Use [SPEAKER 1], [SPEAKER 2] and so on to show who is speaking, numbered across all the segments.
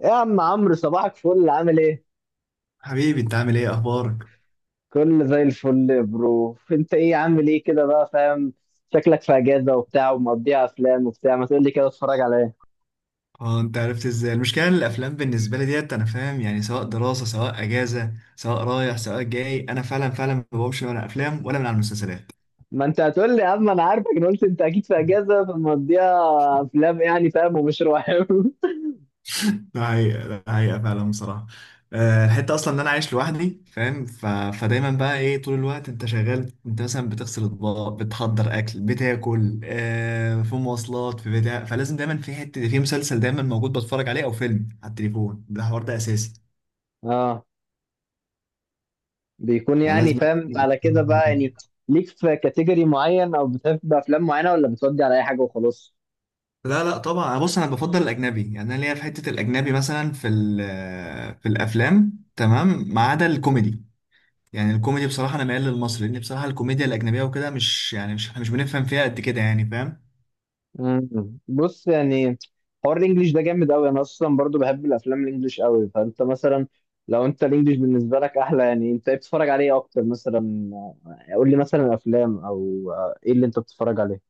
[SPEAKER 1] يا عم عمرو، صباحك فل، عامل ايه؟
[SPEAKER 2] حبيبي انت عامل ايه اخبارك؟
[SPEAKER 1] كله زي الفل يا برو. انت ايه عامل ايه كده بقى فاهم؟ شكلك في اجازه وبتاع ومقضيها افلام وبتاع. ما تقول لي كده اتفرج على ايه؟
[SPEAKER 2] اه انت عرفت ازاي؟ المشكله ان الافلام بالنسبه لي ديت انا فاهم، يعني سواء دراسه سواء اجازه سواء رايح سواء جاي، انا فعلا ما بقومش من افلام ولا من على المسلسلات.
[SPEAKER 1] ما انت هتقول لي يا عم، انا عارفك. انا قلت انت اكيد في اجازه فمقضيها افلام يعني فاهم، ومش رواية.
[SPEAKER 2] ده حقيقة فعلا بصراحة. الحتة أصلا إن أنا عايش لوحدي فاهم، ف... فدايما بقى إيه، طول الوقت أنت شغال، أنت مثلا بتغسل أطباق، بتحضر أكل، بتاكل، في مواصلات، في بتاع، فلازم دايما في حتة، في مسلسل دايما موجود بتفرج عليه أو فيلم على التليفون. ده حوار ده أساسي،
[SPEAKER 1] اه، بيكون
[SPEAKER 2] فلازم.
[SPEAKER 1] يعني فاهم على كده بقى يعني. ليك في كاتيجوري معين او بتحب افلام معينه، ولا بتودي على اي حاجه وخلاص؟
[SPEAKER 2] لا لا طبعا، بص انا بفضل الاجنبي، يعني انا ليا في حته الاجنبي مثلا في في الافلام تمام، ما عدا الكوميدي. يعني الكوميدي بصراحه انا ميال للمصري، لان بصراحه الكوميديا الاجنبيه وكده مش احنا مش بنفهم فيها قد كده، يعني فاهم.
[SPEAKER 1] مم. بص يعني، حوار الانجليش ده جامد قوي. انا اصلا برضو بحب الافلام الانجليش قوي. فانت مثلا لو انت الانجليش بالنسبه لك احلى، يعني انت إيه بتتفرج عليه إيه اكتر مثلا؟ قول لي مثلا افلام او ايه اللي انت بتتفرج عليه.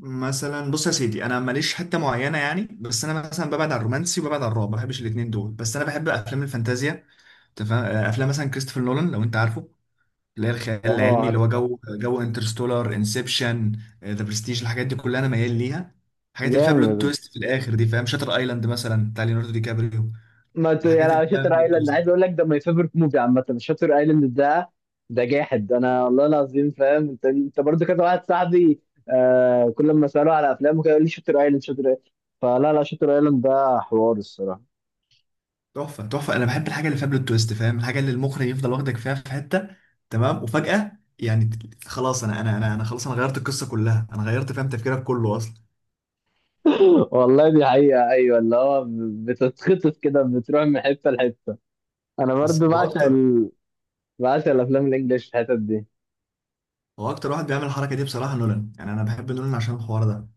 [SPEAKER 2] مثلا بص يا سيدي، انا ماليش حته معينه يعني، بس انا مثلا ببعد عن الرومانسي وببعد عن الرعب، ما بحبش الاثنين دول، بس انا بحب افلام الفانتازيا. تفهم، افلام مثلا كريستوفر نولان لو انت عارفه، اللي هي الخيال
[SPEAKER 1] اه،
[SPEAKER 2] العلمي، اللي هو
[SPEAKER 1] عارفه.
[SPEAKER 2] جو انترستولار، انسبشن، ذا برستيج، الحاجات دي كلها انا ميال ليها. الحاجات اللي فيها بلوت
[SPEAKER 1] جامد.
[SPEAKER 2] تويست في الاخر دي فاهم، شاتر ايلاند مثلا بتاع ليوناردو دي كابريو.
[SPEAKER 1] ما ت... يعني
[SPEAKER 2] الحاجات اللي
[SPEAKER 1] على
[SPEAKER 2] فيها
[SPEAKER 1] شاتر
[SPEAKER 2] بلوت
[SPEAKER 1] ايلاند،
[SPEAKER 2] تويست
[SPEAKER 1] عايز اقول لك ده ماي فيفورت موفي عامه، شاتر ايلاند ده. ده جاحد انا والله العظيم، فاهم؟ انت انت برضو كذا واحد صاحبي، آه، كل ما اساله على افلامه كده يقول لي شاتر ايلاند، شاتر ايلاند. فلا لا، شاتر ايلاند ده حوار الصراحه.
[SPEAKER 2] تحفه تحفه. انا بحب الحاجه اللي فيها بلوت تويست فاهم، الحاجه اللي المخرج يفضل واخدك فيها في حته تمام وفجاه، يعني خلاص انا غيرت القصه كلها، انا غيرت فاهم تفكيرك كله اصلا.
[SPEAKER 1] والله دي حقيقة، أيوة، اللي هو بتتخطف كده، بتروح من حتة لحتة. أنا
[SPEAKER 2] بس
[SPEAKER 1] برضو
[SPEAKER 2] هو
[SPEAKER 1] بعشق
[SPEAKER 2] اكتر،
[SPEAKER 1] بعشق الأفلام الإنجليش في الحتت دي. أنت
[SPEAKER 2] هو اكتر واحد بيعمل الحركه دي بصراحه نولان، يعني انا بحب نولان عشان الحوار ده.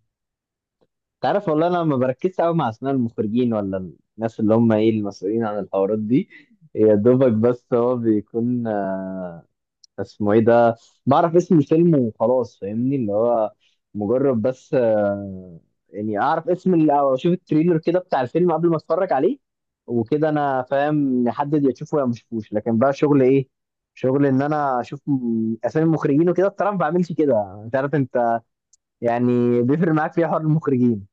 [SPEAKER 1] عارف والله أنا ما بركزش أوي مع أسماء المخرجين، ولا الناس اللي هم إيه المسؤولين عن الحوارات دي. يا دوبك بس هو بيكون اسمه ايه ده. بعرف اسم الفيلم وخلاص، فاهمني؟ اللي هو مجرد بس يعني اعرف اسم او اشوف التريلر كده بتاع الفيلم قبل ما اتفرج عليه، وكده انا فاهم، نحدد يا تشوفه يا ما اشوفوش. لكن بقى شغل ايه؟ شغل ان انا اشوف اسامي المخرجين وكده، بصراحه ما بعملش كده. انت عارف انت يعني بيفرق معاك في إيه حوار المخرجين؟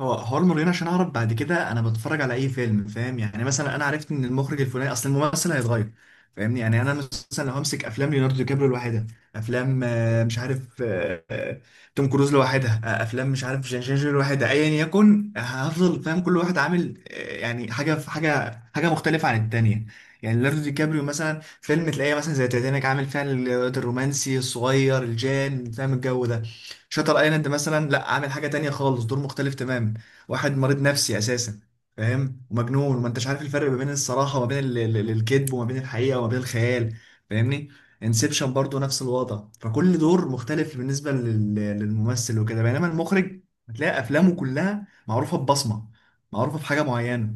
[SPEAKER 2] هو حوار مريان عشان اعرف بعد كده انا بتفرج على اي فيلم فاهم، يعني مثلا انا عرفت ان المخرج الفلاني، اصل الممثل هيتغير فاهمني، يعني انا مثلا لو همسك افلام ليوناردو دي كابريو لوحدها، افلام مش عارف، توم كروز لوحدها، افلام مش عارف جان جينجر لوحدها ايا يكن، هفضل فاهم كل واحد عامل يعني حاجه في حاجه، حاجه مختلفه عن التانيه. يعني ليوناردو دي كابريو مثلا فيلم تلاقيه مثلا زي تيتانيك عامل فيها الرومانسي الصغير الجان فاهم الجو ده، شاتر ايلاند مثلا لا عامل حاجه تانية خالص، دور مختلف تماما، واحد مريض نفسي اساسا فاهم ومجنون وما انتش عارف الفرق ما بين الصراحه وما بين الكذب، وما بين الحقيقه وما بين الخيال، فاهمني. انسبشن برضو نفس الوضع، فكل دور مختلف بالنسبه للممثل وكده، بينما المخرج هتلاقي افلامه كلها معروفه ببصمه، معروفه بحاجه معينه.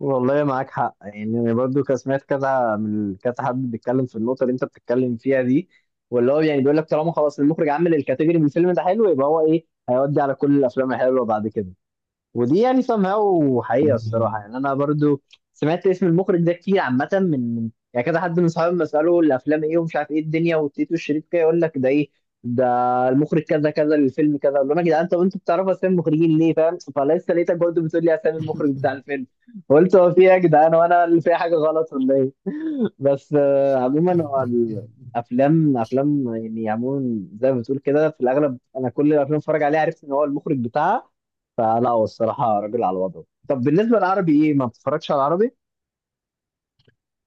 [SPEAKER 1] والله معاك حق. يعني انا برضو كان سمعت كذا من كذا حد بيتكلم في النقطه اللي انت بتتكلم فيها دي، واللي هو يعني بيقول لك طالما خلاص المخرج عمل الكاتيجوري من الفيلم ده حلو، يبقى هو ايه، هيودي على كل الافلام الحلوه بعد كده. ودي يعني somehow حقيقة الصراحة. يعني أنا برضو سمعت اسم المخرج ده كتير عامة، من يعني كذا حد من صحابي لما أسأله الأفلام إيه ومش عارف إيه الدنيا والتيت والشريط كده، يقول لك ده إيه، ده المخرج كذا كذا للفيلم كذا. أقول لهم يا جدعان طب أنتوا بتعرفوا أسامي المخرجين ليه، فاهم؟ فلسه لقيتك برضو بتقول لي أسامي المخرج بتاع الفيلم. قلت هو في إيه يا جدعان، وأنا اللي فيها حاجة غلط ولا إيه؟ بس عموما هو الأفلام أفلام يعني. عموما زي ما بتقول كده، في الأغلب أنا كل الأفلام اللي بتفرج عليها عرفت إن هو المخرج بتاعها. فلا، هو الصراحة راجل على وضعه. طب بالنسبة للعربي ايه، ما بتتفرجش على العربي؟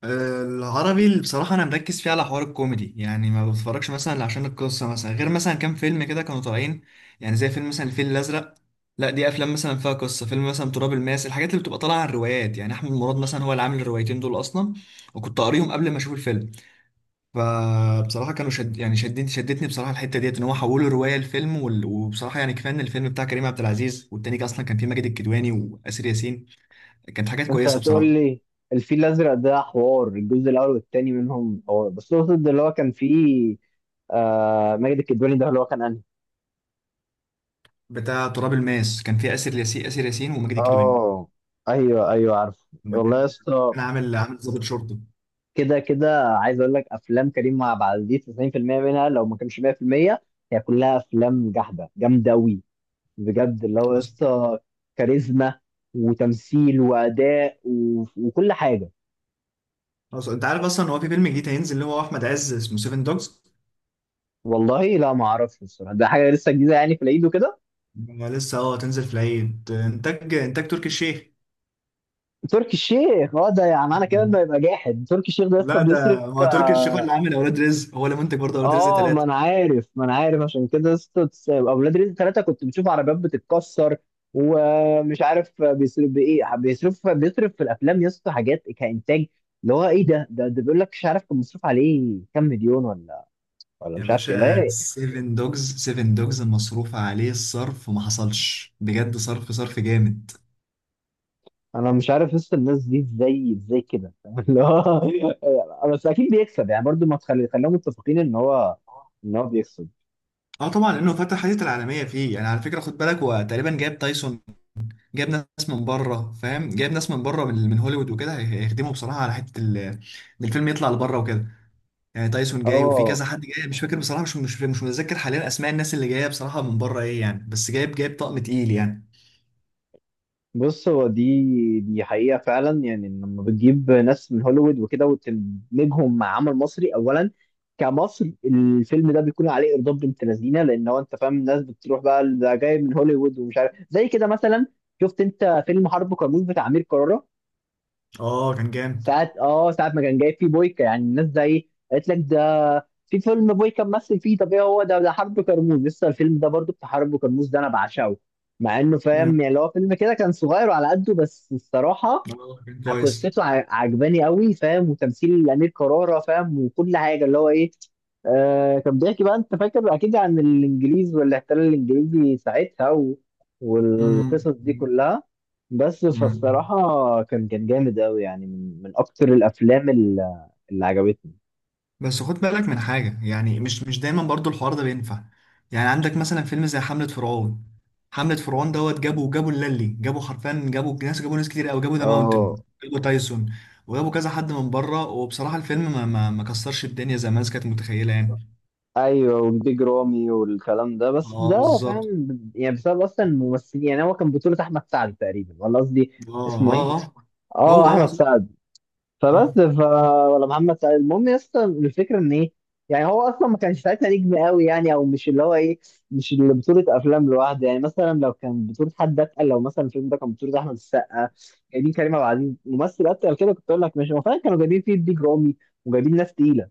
[SPEAKER 2] العربي اللي بصراحة أنا مركز فيه على حوار الكوميدي، يعني ما بتفرجش مثلا إلا عشان القصة مثلا، غير مثلا كام فيلم كده كانوا طالعين، يعني زي فيلم مثلا الفيل الأزرق. لا دي أفلام مثلا فيها قصة، فيلم مثلا تراب الماس، الحاجات اللي بتبقى طالعة عن روايات، يعني أحمد مراد مثلا هو اللي عامل الروايتين دول أصلا، وكنت قاريهم قبل ما أشوف الفيلم. فبصراحة كانوا شد، يعني شدتني بصراحة الحتة ديت إن هو حولوا رواية لفيلم وبصراحة يعني كفاية إن الفيلم بتاع كريم عبد العزيز، والتاني كان أصلا كان فيه ماجد الكدواني وآسر ياسين، كانت حاجات
[SPEAKER 1] انت
[SPEAKER 2] كويسة
[SPEAKER 1] هتقول
[SPEAKER 2] بصراحة.
[SPEAKER 1] لي الفيل الازرق، ده حوار الجزء الاول والتاني منهم. هو بس اقصد اللي هو كان فيه آه ماجد الكدواني، ده اللي هو كان انهي.
[SPEAKER 2] بتاع تراب الماس كان فيه آسر ياسين، آسر ياسين وماجد الكدواني
[SPEAKER 1] اه، ايوه ايوه عارف.
[SPEAKER 2] لما
[SPEAKER 1] والله يا
[SPEAKER 2] كان
[SPEAKER 1] اسطى،
[SPEAKER 2] كان عامل ضابط شرطة.
[SPEAKER 1] كده كده عايز اقول لك افلام كريم عبد العزيز 90% منها لو ما كانش 100%، هي كلها افلام جحده جامده قوي بجد. اللي هو يا
[SPEAKER 2] بس
[SPEAKER 1] اسطى كاريزما وتمثيل واداء وكل حاجه.
[SPEAKER 2] بس انت عارف اصلا ان هو في فيلم جديد هينزل، اللي هو احمد عز، اسمه سيفن دوجز.
[SPEAKER 1] والله لا ما اعرفش الصراحه، ده حاجه لسه جديده يعني في العيد وكده.
[SPEAKER 2] لسه اه تنزل في العيد، انتاج تركي الشيخ.
[SPEAKER 1] تركي الشيخ، اه، ده يعني معنى كده انه يبقى جاحد. تركي الشيخ ده يا اسطى
[SPEAKER 2] لا ده
[SPEAKER 1] بيصرف.
[SPEAKER 2] هو تركي الشيخ هو اللي عامل اولاد رزق، هو اللي منتج برضه اولاد رزق
[SPEAKER 1] اه، ما
[SPEAKER 2] ثلاثة.
[SPEAKER 1] انا عارف، ما انا عارف. عشان كده يا اسطى اولاد رزق ثلاثه كنت بتشوف عربيات بتتكسر ومش عارف بيصرف بايه. بيصرف، بيصرف في الافلام يا اسطى حاجات كانتاج. اللي هو ايه ده، ده بيقول لك مش عارف كان مصروف عليه كام مليون، ولا ولا
[SPEAKER 2] يا
[SPEAKER 1] مش عارف كده،
[SPEAKER 2] باشا
[SPEAKER 1] لا.
[SPEAKER 2] سيفن دوجز، سيفن دوجز مصروف عليه الصرف ما حصلش بجد، صرف صرف جامد.
[SPEAKER 1] انا مش عارف لسه الناس دي ازاي، ازاي كده. اللي هو بس اكيد بيكسب يعني، برضو ما تخلي خليهم متفقين ان هو، ان هو بيكسب.
[SPEAKER 2] اه طبعا لانه فتح حديث العالميه فيه، يعني على فكره خد بالك هو تقريبا جاب تايسون، جايب ناس من بره فاهم، جايب ناس من بره من هوليوود وكده، هيخدموا بصراحه على حته ان الفيلم يطلع لبره وكده، يعني تايسون جاي وفي
[SPEAKER 1] اه.
[SPEAKER 2] كذا حد جاي مش فاكر بصراحه، مش متذكر حاليا اسماء الناس اللي جايه بصراحه من بره ايه يعني، بس جايب طقم تقيل يعني.
[SPEAKER 1] بص، هو دي حقيقة فعلا، يعني إن لما بتجيب ناس من هوليوود وكده وتدمجهم مع عمل مصري، أولا كمصر الفيلم ده بيكون عليه إرضاء بنت لذينة. لأن هو أنت فاهم الناس بتروح بقى، ده جاي من هوليوود ومش عارف، زي كده مثلا. شفت أنت فيلم حرب كرموز بتاع أمير كرارة
[SPEAKER 2] اه كان جامد.
[SPEAKER 1] ساعة؟ اه ساعة ما كان جايب فيه بويكا، يعني الناس زي قالت لك ده في فيلم بويكا ممثل فيه. طب ايه هو ده؟ ده حرب كرموز، لسه الفيلم ده برضو بتاع حرب كرموز ده انا بعشقه. مع انه فاهم
[SPEAKER 2] امم.
[SPEAKER 1] يعني اللي هو فيلم كده كان صغير وعلى قده، بس الصراحة
[SPEAKER 2] اه كان كويس.
[SPEAKER 1] قصته عجباني قوي فاهم، وتمثيل امير كرارة فاهم، وكل حاجه اللي هو ايه. آه كان بيحكي بقى، انت فاكر اكيد، عن الانجليز والاحتلال الانجليزي ساعتها والقصص دي كلها. بس
[SPEAKER 2] امم.
[SPEAKER 1] فالصراحه كان كان جامد قوي يعني، من من اكتر الافلام اللي عجبتني.
[SPEAKER 2] بس خد بالك من حاجة، يعني مش دايما برضو الحوار ده بينفع، يعني عندك مثلا فيلم زي حملة فرعون. حملة فرعون دوت جابوا اللالي جابوا حرفيا، جابوا ناس، جابوا ناس كتير قوي، جابوا ذا ماونتن،
[SPEAKER 1] اه
[SPEAKER 2] جابوا تايسون، وجابوا كذا حد من بره، وبصراحة الفيلم ما كسرش الدنيا زي ما الناس كانت متخيلة يعني.
[SPEAKER 1] ايوه، وبيج رامي والكلام ده. بس
[SPEAKER 2] اه
[SPEAKER 1] ده
[SPEAKER 2] بالظبط.
[SPEAKER 1] فاهم يعني بسبب اصلا الممثلين. يعني هو كان بطولة احمد سعد تقريبا، ولا قصدي
[SPEAKER 2] اه
[SPEAKER 1] اسمه ايه؟
[SPEAKER 2] اه هو
[SPEAKER 1] اه،
[SPEAKER 2] هو
[SPEAKER 1] احمد
[SPEAKER 2] صح.
[SPEAKER 1] سعد.
[SPEAKER 2] مم.
[SPEAKER 1] فبس ف ولا محمد سعيد. المهم يا اسطى، الفكره ان ايه، يعني هو اصلا ما كانش ساعتها نجم قوي يعني، او مش اللي هو ايه، مش اللي بطوله افلام لوحده. يعني مثلا لو كان بطوله حد اتقل، لو مثلا الفيلم ده كان بطوله احمد السقا، جايبين كريم عبد العزيز ممثل اتقل كده، كنت اقول لك ماشي. هو فعلا كانوا جايبين فيه بيج رامي وجايبين ناس تقيله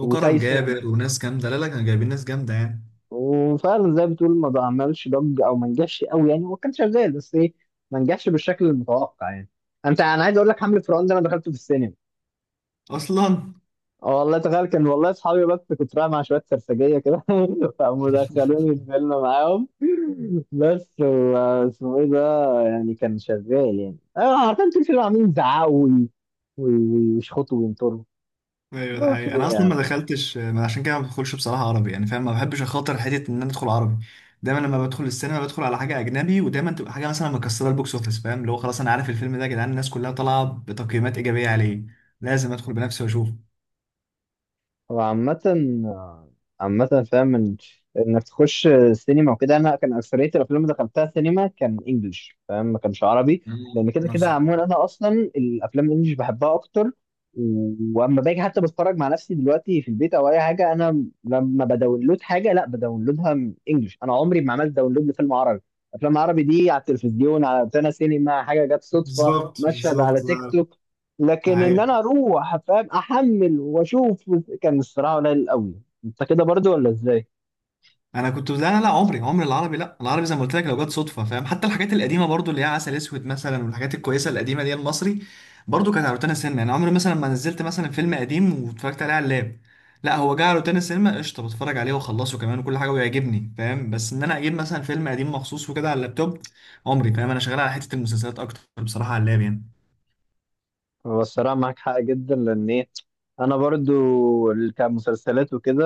[SPEAKER 2] وكرم
[SPEAKER 1] وتايسون،
[SPEAKER 2] جابر وناس جامدة، لا لا كانوا جايبين ناس جامدة يعني
[SPEAKER 1] وفعلا زي ما بتقول ما عملش ضج او ما نجحش قوي يعني. هو كان شغال بس ايه، ما نجحش بالشكل المتوقع يعني. انت، انا عايز اقول لك حمله فرعون ده انا دخلته في السينما.
[SPEAKER 2] اصلا.
[SPEAKER 1] اه والله تخيل، كان والله اصحابي، بس كنت رايح مع شويه سرسجيه كده فقاموا دخلوني الفيلم معاهم. بس و- اسمه ايه ده، يعني كان شغال. يعني انا عارفين طول الفيلم عاملين يزعقوا وي- ويشخطوا وينطروا.
[SPEAKER 2] ايوه ده
[SPEAKER 1] ما في.
[SPEAKER 2] حقيقي، انا اصلا ما دخلتش، ما عشان كده ما بدخلش بصراحه عربي، يعني فاهم ما بحبش اخاطر حته ان انا ادخل عربي. دايما لما بدخل السينما بدخل على حاجه اجنبي، ودايما تبقى حاجه مثلا مكسره البوكس اوفيس فاهم، اللي هو خلاص انا عارف الفيلم ده يا جدعان، الناس كلها طالعه بتقييمات ايجابيه عليه، لازم ادخل بنفسي واشوفه.
[SPEAKER 1] هو عامة، عامة فاهم انك تخش سينما وكده، انا كان اكثرية الافلام اللي دخلتها سينما كان انجلش فاهم، ما كانش عربي. لان
[SPEAKER 2] مم،
[SPEAKER 1] كده
[SPEAKER 2] نفس
[SPEAKER 1] كده
[SPEAKER 2] الحوار.
[SPEAKER 1] عموما انا اصلا الافلام الانجليش بحبها اكتر و- واما باجي حتى بتفرج مع نفسي دلوقتي في البيت او اي حاجة، انا لما بداونلود حاجة لا، بداونلودها من انجلش. انا عمري ما عملت داونلود لفيلم عربي. افلام عربي دي على التلفزيون، على روتانا سينما، حاجة جت صدفة،
[SPEAKER 2] بالظبط
[SPEAKER 1] مشهد على
[SPEAKER 2] بالظبط
[SPEAKER 1] تيك
[SPEAKER 2] ده،
[SPEAKER 1] توك.
[SPEAKER 2] ده
[SPEAKER 1] لكن ان
[SPEAKER 2] حقيقي.
[SPEAKER 1] انا اروح فاهم احمل واشوف، كان الصراحه قليل قوي. انت كده برضو ولا ازاي؟
[SPEAKER 2] انا كنت لا عمري العربي، لا العربي زي ما قلت لك لو جت صدفه فاهم، حتى الحاجات القديمه برضو اللي هي عسل اسود مثلا والحاجات الكويسه القديمه دي المصري، برضو كانت على روتانا السينما يعني. عمري مثلا ما نزلت مثلا فيلم قديم واتفرجت عليه على اللاب، لا هو جه على روتانا السينما قشطه بتفرج عليه واخلصه كمان وكل حاجه ويعجبني فاهم، بس ان انا اجيب مثلا فيلم قديم مخصوص وكده على اللابتوب، عمري فاهم. انا شغال على حته المسلسلات اكتر بصراحه على اللاب يعني.
[SPEAKER 1] هو الصراحه معاك حق جدا، لان ايه، انا برضو كمسلسلات وكده.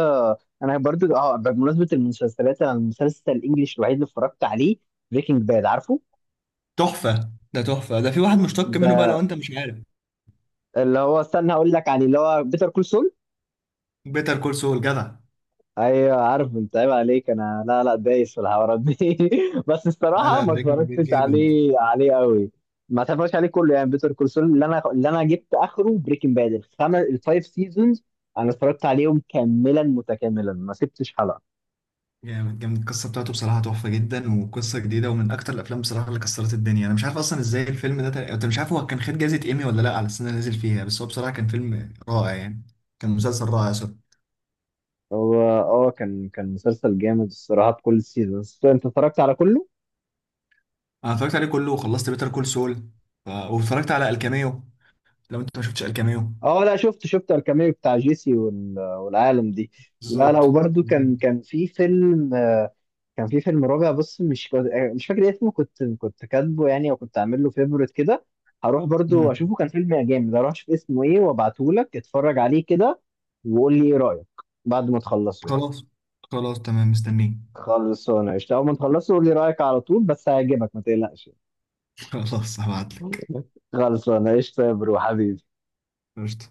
[SPEAKER 1] انا برضو، اه، بمناسبه المسلسلات، انا المسلسل الانجليش الوحيد اللي اتفرجت عليه بريكنج باد، عارفه؟
[SPEAKER 2] تحفه ده تحفه ده، في واحد مشتق منه بقى
[SPEAKER 1] ده
[SPEAKER 2] لو انت مش عارف،
[SPEAKER 1] اللي هو، استنى هقول لك عليه، اللي هو بيتر كول.
[SPEAKER 2] بيتر كول سول جدع.
[SPEAKER 1] ايوه عارف، انت عيب عليك. انا لا لا، دايس في الحوارات دي. بس
[SPEAKER 2] لا
[SPEAKER 1] الصراحه
[SPEAKER 2] لا
[SPEAKER 1] ما
[SPEAKER 2] بريكنج باد
[SPEAKER 1] اتفرجتش
[SPEAKER 2] جامد
[SPEAKER 1] عليه عليه قوي. ما اتفرجتش عليه كله يعني بيتر كول سول، اللي انا، اللي انا جبت اخره بريكنج باد، الخمس الفايف سيزونز انا اتفرجت عليهم كاملا متكاملا، ما سبتش حلقه.
[SPEAKER 2] جامد جامد، القصة بتاعته بصراحة تحفة جدا وقصة جديدة، ومن أكتر الأفلام بصراحة اللي كسرت الدنيا. أنا مش عارف أصلا إزاي الفيلم ده أنت مش عارف هو كان خد جايزة إيمي ولا لأ على السنة اللي نزل فيها، بس هو بصراحة كان فيلم رائع يعني، كان مسلسل رائع سوري.
[SPEAKER 1] هو اه، كان كان مسلسل جامد الصراحه. بكل السيزونز انت اتفرجت على كله؟
[SPEAKER 2] أنا اتفرجت عليه كله وخلصت بيتر كول سول، واتفرجت على الكاميو، لو أنت ما شفتش الكاميو.
[SPEAKER 1] اه لا، شفت شفت الكاميو بتاع جيسي والعالم دي. لا لا،
[SPEAKER 2] بالظبط.
[SPEAKER 1] وبرده كان كان في فيلم كان في فيلم رابع. بص، مش مش فاكر اسمه، كنت كنت كاتبه يعني او كنت عامل له فيفورت كده. هروح برضو
[SPEAKER 2] مم.
[SPEAKER 1] اشوفه، كان فيلم جامد. هروح اشوف اسمه ايه وابعته لك اتفرج عليه كده، وقول لي ايه رايك بعد ما تخلصه يعني.
[SPEAKER 2] خلاص. خلاص تمام مستنيك.
[SPEAKER 1] خلصانه قشطه. اول ما تخلصه قول لي رايك على طول، بس هيعجبك ما تقلقش.
[SPEAKER 2] خلاص هبعتلك.
[SPEAKER 1] خلصانه قشطه يا برو حبيبي.
[SPEAKER 2] قشطة.